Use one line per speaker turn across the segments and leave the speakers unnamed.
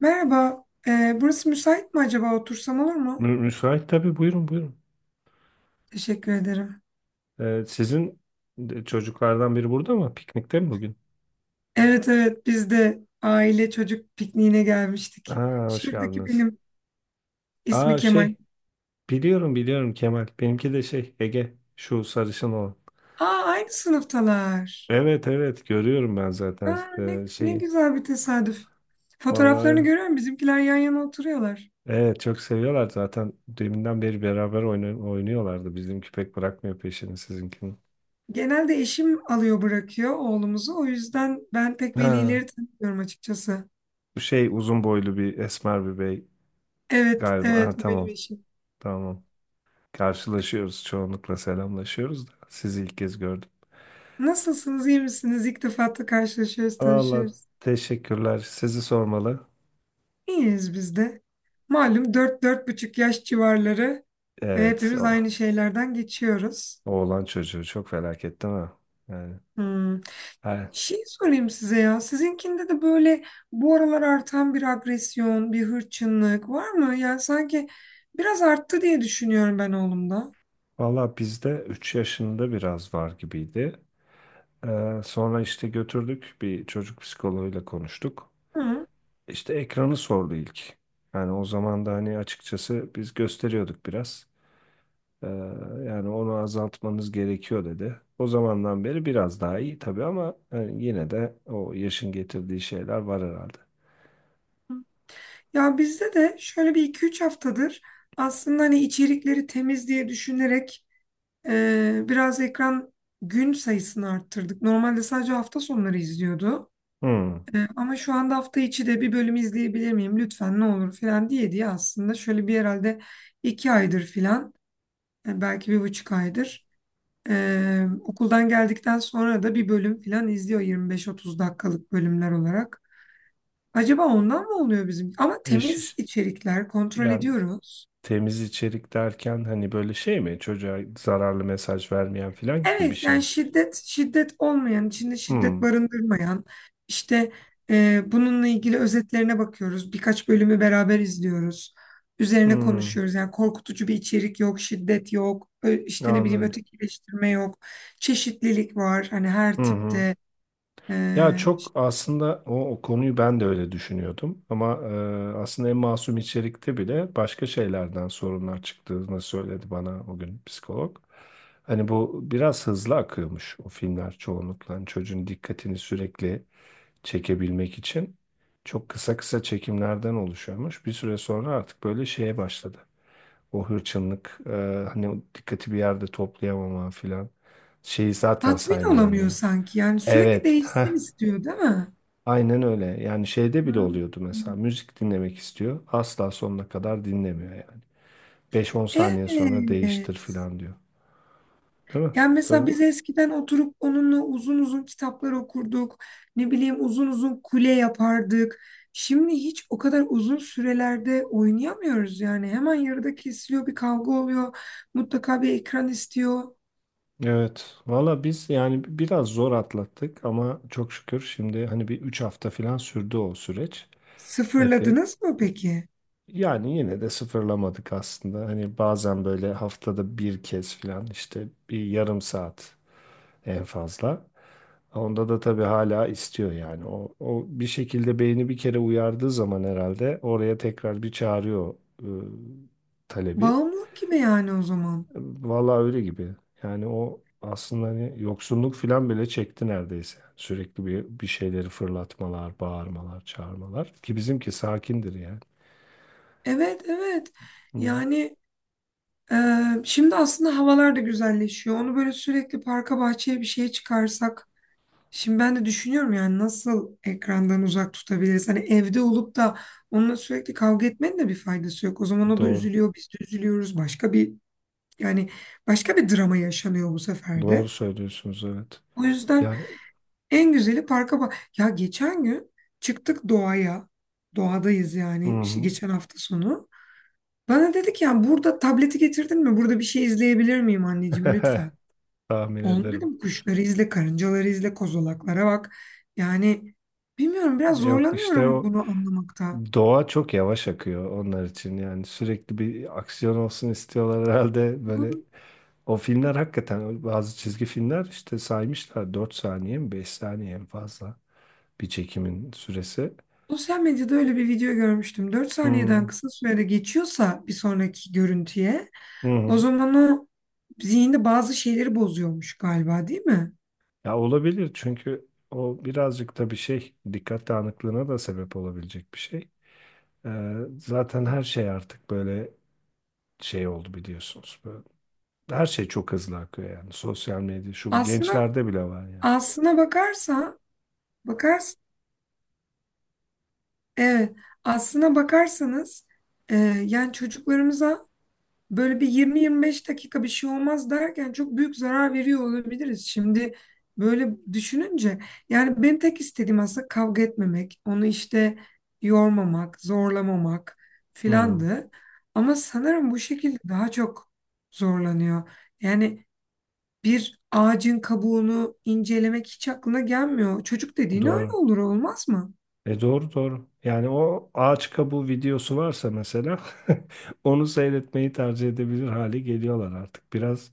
Merhaba, burası müsait mi acaba? Otursam olur mu?
Müsait tabii, buyurun buyurun.
Teşekkür ederim.
Ee, sizin Çocuklardan biri burada mı? Piknikte mi bugün?
Evet, evet, biz de aile çocuk pikniğine gelmiştik.
Aa, hoş
Şuradaki
geldiniz.
benim ismi
Aa
Kemal.
şey Biliyorum, Kemal. Benimki de Ege, şu sarışın olan.
Aa, aynı sınıftalar.
Evet evet, görüyorum ben zaten
Aa, ne,
e,
ne
şeyi.
güzel bir tesadüf. Fotoğraflarını
Vallahi
görüyorum, bizimkiler yan yana oturuyorlar.
evet, çok seviyorlar zaten. Deminden beri beraber oynuyorlardı. Bizim köpek bırakmıyor peşini sizinkinin.
Genelde eşim alıyor bırakıyor oğlumuzu. O yüzden ben pek
Ha
velileri tanımıyorum açıkçası.
bu şey uzun boylu bir esmer bir bey
Evet,
galiba.
evet,
Ha,
bu benim
tamam
eşim.
tamam. Karşılaşıyoruz çoğunlukla, selamlaşıyoruz da sizi ilk kez gördüm.
Nasılsınız, iyi misiniz? İlk defa da karşılaşıyoruz,
Valla
tanışıyoruz.
teşekkürler. Sizi sormalı.
İyiyiz biz de. Malum 4,5 yaş civarları,
Evet,
hepimiz aynı şeylerden geçiyoruz.
oğlan çocuğu çok felaket değil mi? Yani,
Hmm.
he.
Şey sorayım size ya. Sizinkinde de böyle bu aralar artan bir agresyon, bir hırçınlık var mı? Yani sanki biraz arttı diye düşünüyorum ben oğlumda.
Valla, bizde 3 yaşında biraz var gibiydi. Sonra işte götürdük, bir çocuk psikoloğuyla konuştuk.
Hı.
İşte ekranı sordu ilk. Yani o zaman da hani, açıkçası, biz gösteriyorduk biraz. Ee, Yani onu azaltmanız gerekiyor dedi. O zamandan beri biraz daha iyi tabii, ama yani yine de o yaşın getirdiği şeyler var herhalde.
Ya bizde de şöyle bir iki üç haftadır aslında hani içerikleri temiz diye düşünerek biraz ekran gün sayısını arttırdık. Normalde sadece hafta sonları izliyordu.
Hmm.
Ama şu anda hafta içi de bir bölüm izleyebilir miyim lütfen ne olur falan diye diye aslında şöyle bir herhalde 2 aydır falan, belki 1,5 aydır, okuldan geldikten sonra da bir bölüm falan izliyor, 25-30 dakikalık bölümler olarak. Acaba ondan mı oluyor bizim? Ama temiz
Eş,
içerikler kontrol
Yani
ediyoruz.
temiz içerik derken hani böyle mi? Çocuğa zararlı mesaj vermeyen falan gibi bir
Evet,
şey
yani
mi?
şiddet olmayan, içinde şiddet
Hmm.
barındırmayan, işte bununla ilgili özetlerine bakıyoruz, birkaç bölümü beraber izliyoruz, üzerine
Hmm.
konuşuyoruz. Yani korkutucu bir içerik yok, şiddet yok, işte ne bileyim
Anladım.
ötekileştirme yok, çeşitlilik var hani
Hı
her
hı.
tipte.
Ya,
e,
çok
işte
aslında o konuyu ben de öyle düşünüyordum, ama aslında en masum içerikte bile başka şeylerden sorunlar çıktığını söyledi bana o gün psikolog. Hani bu biraz hızlı akıyormuş o filmler çoğunlukla. Hani çocuğun dikkatini sürekli çekebilmek için çok kısa kısa çekimlerden oluşuyormuş. Bir süre sonra artık böyle şeye başladı. O hırçınlık, hani o dikkati bir yerde toplayamama filan. Şeyi zaten
tatmin
saymıyorum
olamıyor
ya.
sanki, yani sürekli
Evet. Heh.
değişsin istiyor değil mi?
Aynen öyle. Yani şeyde bile
Hmm.
oluyordu mesela. Müzik dinlemek istiyor. Asla sonuna kadar dinlemiyor yani. Beş on saniye sonra değiştir
Evet.
falan diyor. Değil mi?
Yani mesela
Böyle.
biz eskiden oturup onunla uzun uzun kitaplar okurduk. Ne bileyim uzun uzun kule yapardık. Şimdi hiç o kadar uzun sürelerde oynayamıyoruz yani. Hemen yarıda kesiliyor, bir kavga oluyor. Mutlaka bir ekran istiyor.
Evet. Valla biz yani biraz zor atlattık, ama çok şükür şimdi, hani, bir 3 hafta falan sürdü o süreç. Epey.
Sıfırladınız mı peki?
Yani yine de sıfırlamadık aslında. Hani bazen böyle haftada bir kez falan, işte bir yarım saat en fazla. Onda da tabii hala istiyor yani. O bir şekilde beyni bir kere uyardığı zaman herhalde oraya tekrar bir çağırıyor e, talebi.
Bağımlılık gibi yani o zaman.
Vallahi öyle gibi. Yani o aslında hani yoksunluk falan bile çekti neredeyse. Sürekli bir şeyleri fırlatmalar, bağırmalar, çağırmalar. Ki bizimki sakindir yani.
Evet, evet.
Hı hı.
Yani e, şimdi aslında havalar da güzelleşiyor. Onu böyle sürekli parka, bahçeye bir şeye çıkarsak. Şimdi ben de düşünüyorum yani nasıl ekrandan uzak tutabiliriz? Hani evde olup da onunla sürekli kavga etmenin de bir faydası yok. O zaman o da
Doğru.
üzülüyor, biz de üzülüyoruz. Başka bir, yani başka bir drama yaşanıyor bu sefer
Doğru
de.
söylüyorsunuz, evet.
O yüzden
Yani,
en güzeli parka bak. Ya geçen gün çıktık doğaya. Doğadayız
hı
yani, işte
hı.
geçen hafta sonu. Bana dedi ki yani burada tableti getirdin mi? Burada bir şey izleyebilir miyim anneciğim lütfen?
Tahmin
Onu
ederim.
dedim kuşları izle, karıncaları izle, kozalaklara bak. Yani bilmiyorum, biraz
Yok işte
zorlanıyorum
o
bunu anlamakta.
Doğa çok yavaş akıyor onlar için, yani sürekli bir aksiyon olsun istiyorlar herhalde. Böyle,
Doğru.
o filmler hakikaten, bazı çizgi filmler işte, saymışlar 4 saniye mi 5 saniye, en fazla bir çekimin süresi.
Sosyal medyada öyle bir video görmüştüm. Dört
Hmm.
saniyeden kısa sürede geçiyorsa bir sonraki görüntüye,
Hı
o
hı.
zaman o zihinde bazı şeyleri bozuyormuş galiba değil mi?
Ya, olabilir, çünkü o birazcık da bir şey, dikkat dağınıklığına da sebep olabilecek bir şey. Ee, Zaten her şey artık böyle oldu, biliyorsunuz. Böyle, her şey çok hızlı akıyor yani, sosyal medya şu bu
Aslına
gençlerde bile var yani.
aslına bakarsa bakars evet, aslına bakarsanız, e, yani çocuklarımıza böyle bir 20-25 dakika bir şey olmaz derken çok büyük zarar veriyor olabiliriz. Şimdi böyle düşününce, yani benim tek istediğim aslında kavga etmemek, onu işte yormamak, zorlamamak
Hı.
filandı. Ama sanırım bu şekilde daha çok zorlanıyor. Yani bir ağacın kabuğunu incelemek hiç aklına gelmiyor. Çocuk dediğin öyle
Doğru.
olur olmaz mı?
E, doğru doğru. Yani o ağaç kabuğu videosu varsa mesela onu seyretmeyi tercih edebilir hale geliyorlar artık. Biraz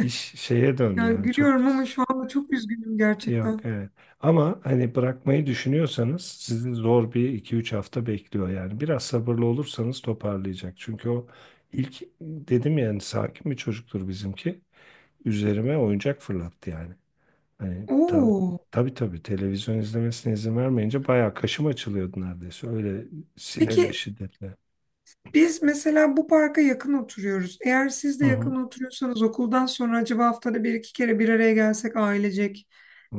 iş şeye döndü
Yani
yani, çok
gülüyorum ama şu anda çok üzgünüm
yok
gerçekten.
evet. Ama hani bırakmayı düşünüyorsanız sizi zor bir iki üç hafta bekliyor yani. Biraz sabırlı olursanız toparlayacak. Çünkü ilk dedim yani, sakin bir çocuktur bizimki. Üzerime oyuncak fırlattı yani. Hani tabii,
Oo.
tabii, televizyon izlemesine izin vermeyince bayağı kaşım açılıyordu neredeyse. Öyle, sinirle,
Peki,
şiddetle.
biz mesela bu parka yakın oturuyoruz. Eğer siz
Hı
de
hı.
yakın oturuyorsanız okuldan sonra acaba haftada bir iki kere bir araya gelsek ailecek,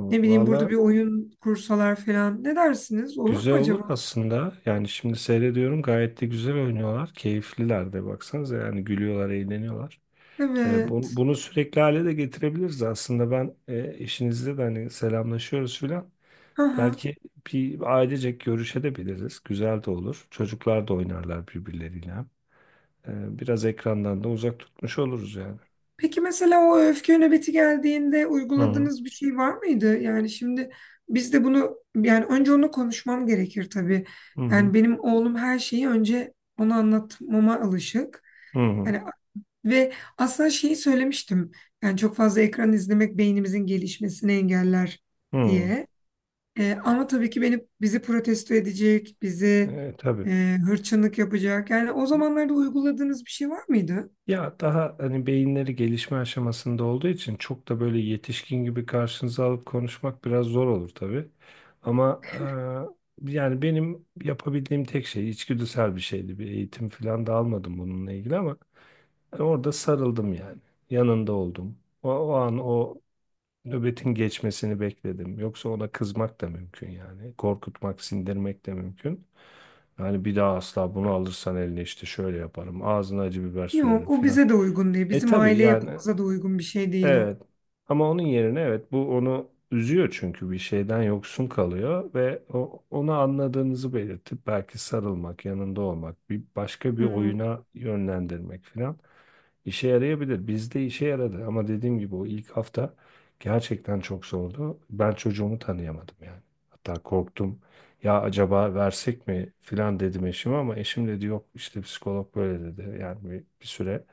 ne bileyim burada
Valla,
bir oyun kursalar falan, ne dersiniz? Olur mu
güzel olur
acaba?
aslında. Yani şimdi seyrediyorum gayet de güzel oynuyorlar. Keyifliler de, baksanıza, yani gülüyorlar, eğleniyorlar.
Evet.
Bunu sürekli hale de getirebiliriz aslında. Ben, eşinizle de hani selamlaşıyoruz filan.
Aha.
Belki bir ailecek görüşebiliriz. Güzel de olur. Çocuklar da oynarlar birbirleriyle. Biraz ekrandan da uzak tutmuş oluruz yani.
Peki mesela o öfke nöbeti geldiğinde
Hı hı.
uyguladığınız bir şey var mıydı? Yani şimdi biz de bunu, yani önce onu konuşmam gerekir tabii.
Hı hı.
Yani benim oğlum her şeyi önce ona anlatmama alışık.
Hı hı.
Yani. Ve aslında şeyi söylemiştim. Yani çok fazla ekran izlemek beynimizin gelişmesini engeller
Hı.
diye. Ama tabii ki beni bizi protesto edecek, bizi
Tabii.
hırçınlık yapacak. Yani o zamanlarda uyguladığınız bir şey var mıydı?
Ya, daha hani beyinleri gelişme aşamasında olduğu için çok da böyle yetişkin gibi karşınıza alıp konuşmak biraz zor olur tabii. Ama yani benim yapabildiğim tek şey içgüdüsel bir şeydi. Bir eğitim falan da almadım bununla ilgili, ama orada sarıldım yani. Yanında oldum. O, o an o Nöbetin geçmesini bekledim. Yoksa ona kızmak da mümkün yani. Korkutmak, sindirmek de mümkün. Yani bir daha asla bunu alırsan eline işte şöyle yaparım. Ağzına acı biber sürerim
Yok, o
filan.
bize de uygun değil.
E,
Bizim
tabii
aile
yani,
yapımıza da uygun bir şey değil o.
evet. Ama onun yerine, evet, bu onu üzüyor çünkü bir şeyden yoksun kalıyor, ve onu anladığınızı belirtip belki sarılmak, yanında olmak, bir başka bir
Hmm.
oyuna yönlendirmek filan. İşe yarayabilir. Bizde işe yaradı, ama dediğim gibi o ilk hafta gerçekten çok zordu. Ben çocuğumu tanıyamadım yani. Hatta korktum. Ya, acaba versek mi filan dedim eşime, ama eşim dedi yok, işte psikolog böyle dedi. Yani bir süre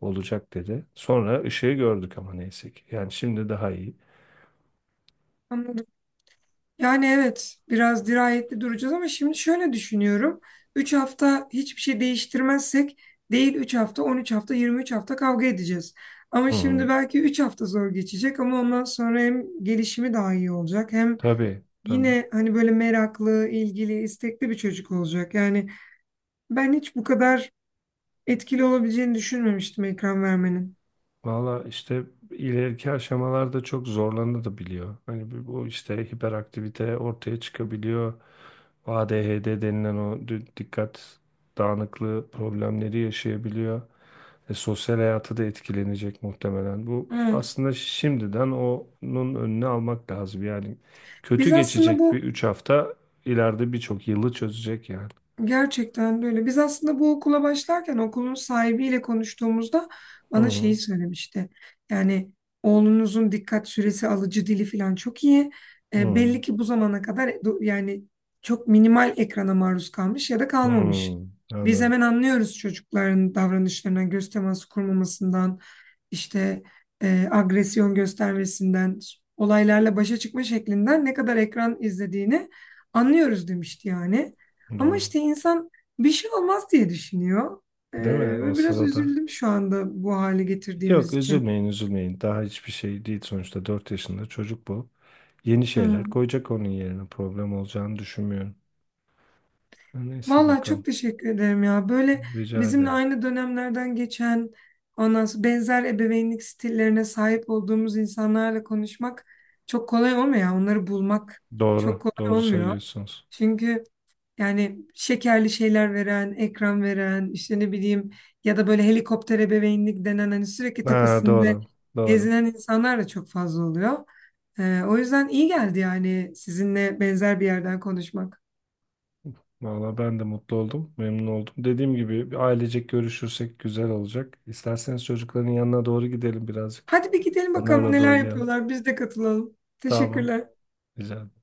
olacak dedi. Sonra ışığı gördük ama, neyse ki. Yani şimdi daha iyi.
Yani evet, biraz dirayetli duracağız ama şimdi şöyle düşünüyorum. 3 hafta hiçbir şey değiştirmezsek, değil 3 hafta, 13 hafta, 23 hafta kavga edeceğiz. Ama
Hı
şimdi
hı.
belki 3 hafta zor geçecek ama ondan sonra hem gelişimi daha iyi olacak hem
Tabii tabii.
yine hani böyle meraklı, ilgili, istekli bir çocuk olacak. Yani ben hiç bu kadar etkili olabileceğini düşünmemiştim ekran vermenin.
Valla işte, ileriki aşamalarda çok zorlanabiliyor. Hani bu işte hiperaktivite ortaya çıkabiliyor. ADHD denilen o dikkat dağınıklığı problemleri yaşayabiliyor. E, sosyal hayatı da etkilenecek muhtemelen. Bu
Evet.
aslında şimdiden onun önüne almak lazım. Yani kötü
Biz aslında
geçecek bir
bu
3 hafta ileride birçok yılı çözecek yani.
Gerçekten böyle. Biz aslında bu okula başlarken okulun sahibiyle konuştuğumuzda
Hı
bana
hı.
şeyi söylemişti. Yani oğlunuzun dikkat süresi, alıcı dili falan çok iyi. Belli ki bu zamana kadar yani çok minimal ekrana maruz kalmış ya da
Hı
kalmamış.
hı.
Biz
Anladım.
hemen anlıyoruz çocukların davranışlarından, göz teması kurmamasından, işte agresyon göstermesinden, olaylarla başa çıkma şeklinden ne kadar ekran izlediğini anlıyoruz demişti yani. Ama
Doğru.
işte insan bir şey olmaz diye düşünüyor. Ee,
Değil mi o
Ve biraz
sırada?
üzüldüm şu anda bu hale
Yok,
getirdiğimiz için.
üzülmeyin üzülmeyin. Daha hiçbir şey değil sonuçta, 4 yaşında çocuk bu. Yeni şeyler
Hı.
koyacak onun yerine, problem olacağını düşünmüyorum. Neyse,
Vallahi çok
bakalım.
teşekkür ederim ya. Böyle
Rica
bizimle
ederim.
aynı dönemlerden geçen, ondan sonra benzer ebeveynlik stillerine sahip olduğumuz insanlarla konuşmak çok kolay olmuyor ya. Onları bulmak çok
Doğru.
kolay
Doğru
olmuyor.
söylüyorsunuz.
Çünkü Yani şekerli şeyler veren, ekran veren, işte ne bileyim, ya da böyle helikopter ebeveynlik denen, hani sürekli
Ha,
tepesinde
doğru. Doğru.
gezinen insanlar da çok fazla oluyor. O yüzden iyi geldi yani sizinle benzer bir yerden konuşmak.
Valla, ben de mutlu oldum. Memnun oldum. Dediğim gibi, bir ailecek görüşürsek güzel olacak. İsterseniz çocukların yanına doğru gidelim birazcık.
Hadi bir gidelim bakalım
Onlarla da
neler
oynayalım.
yapıyorlar, biz de katılalım.
Tamam.
Teşekkürler.
Rica ederim.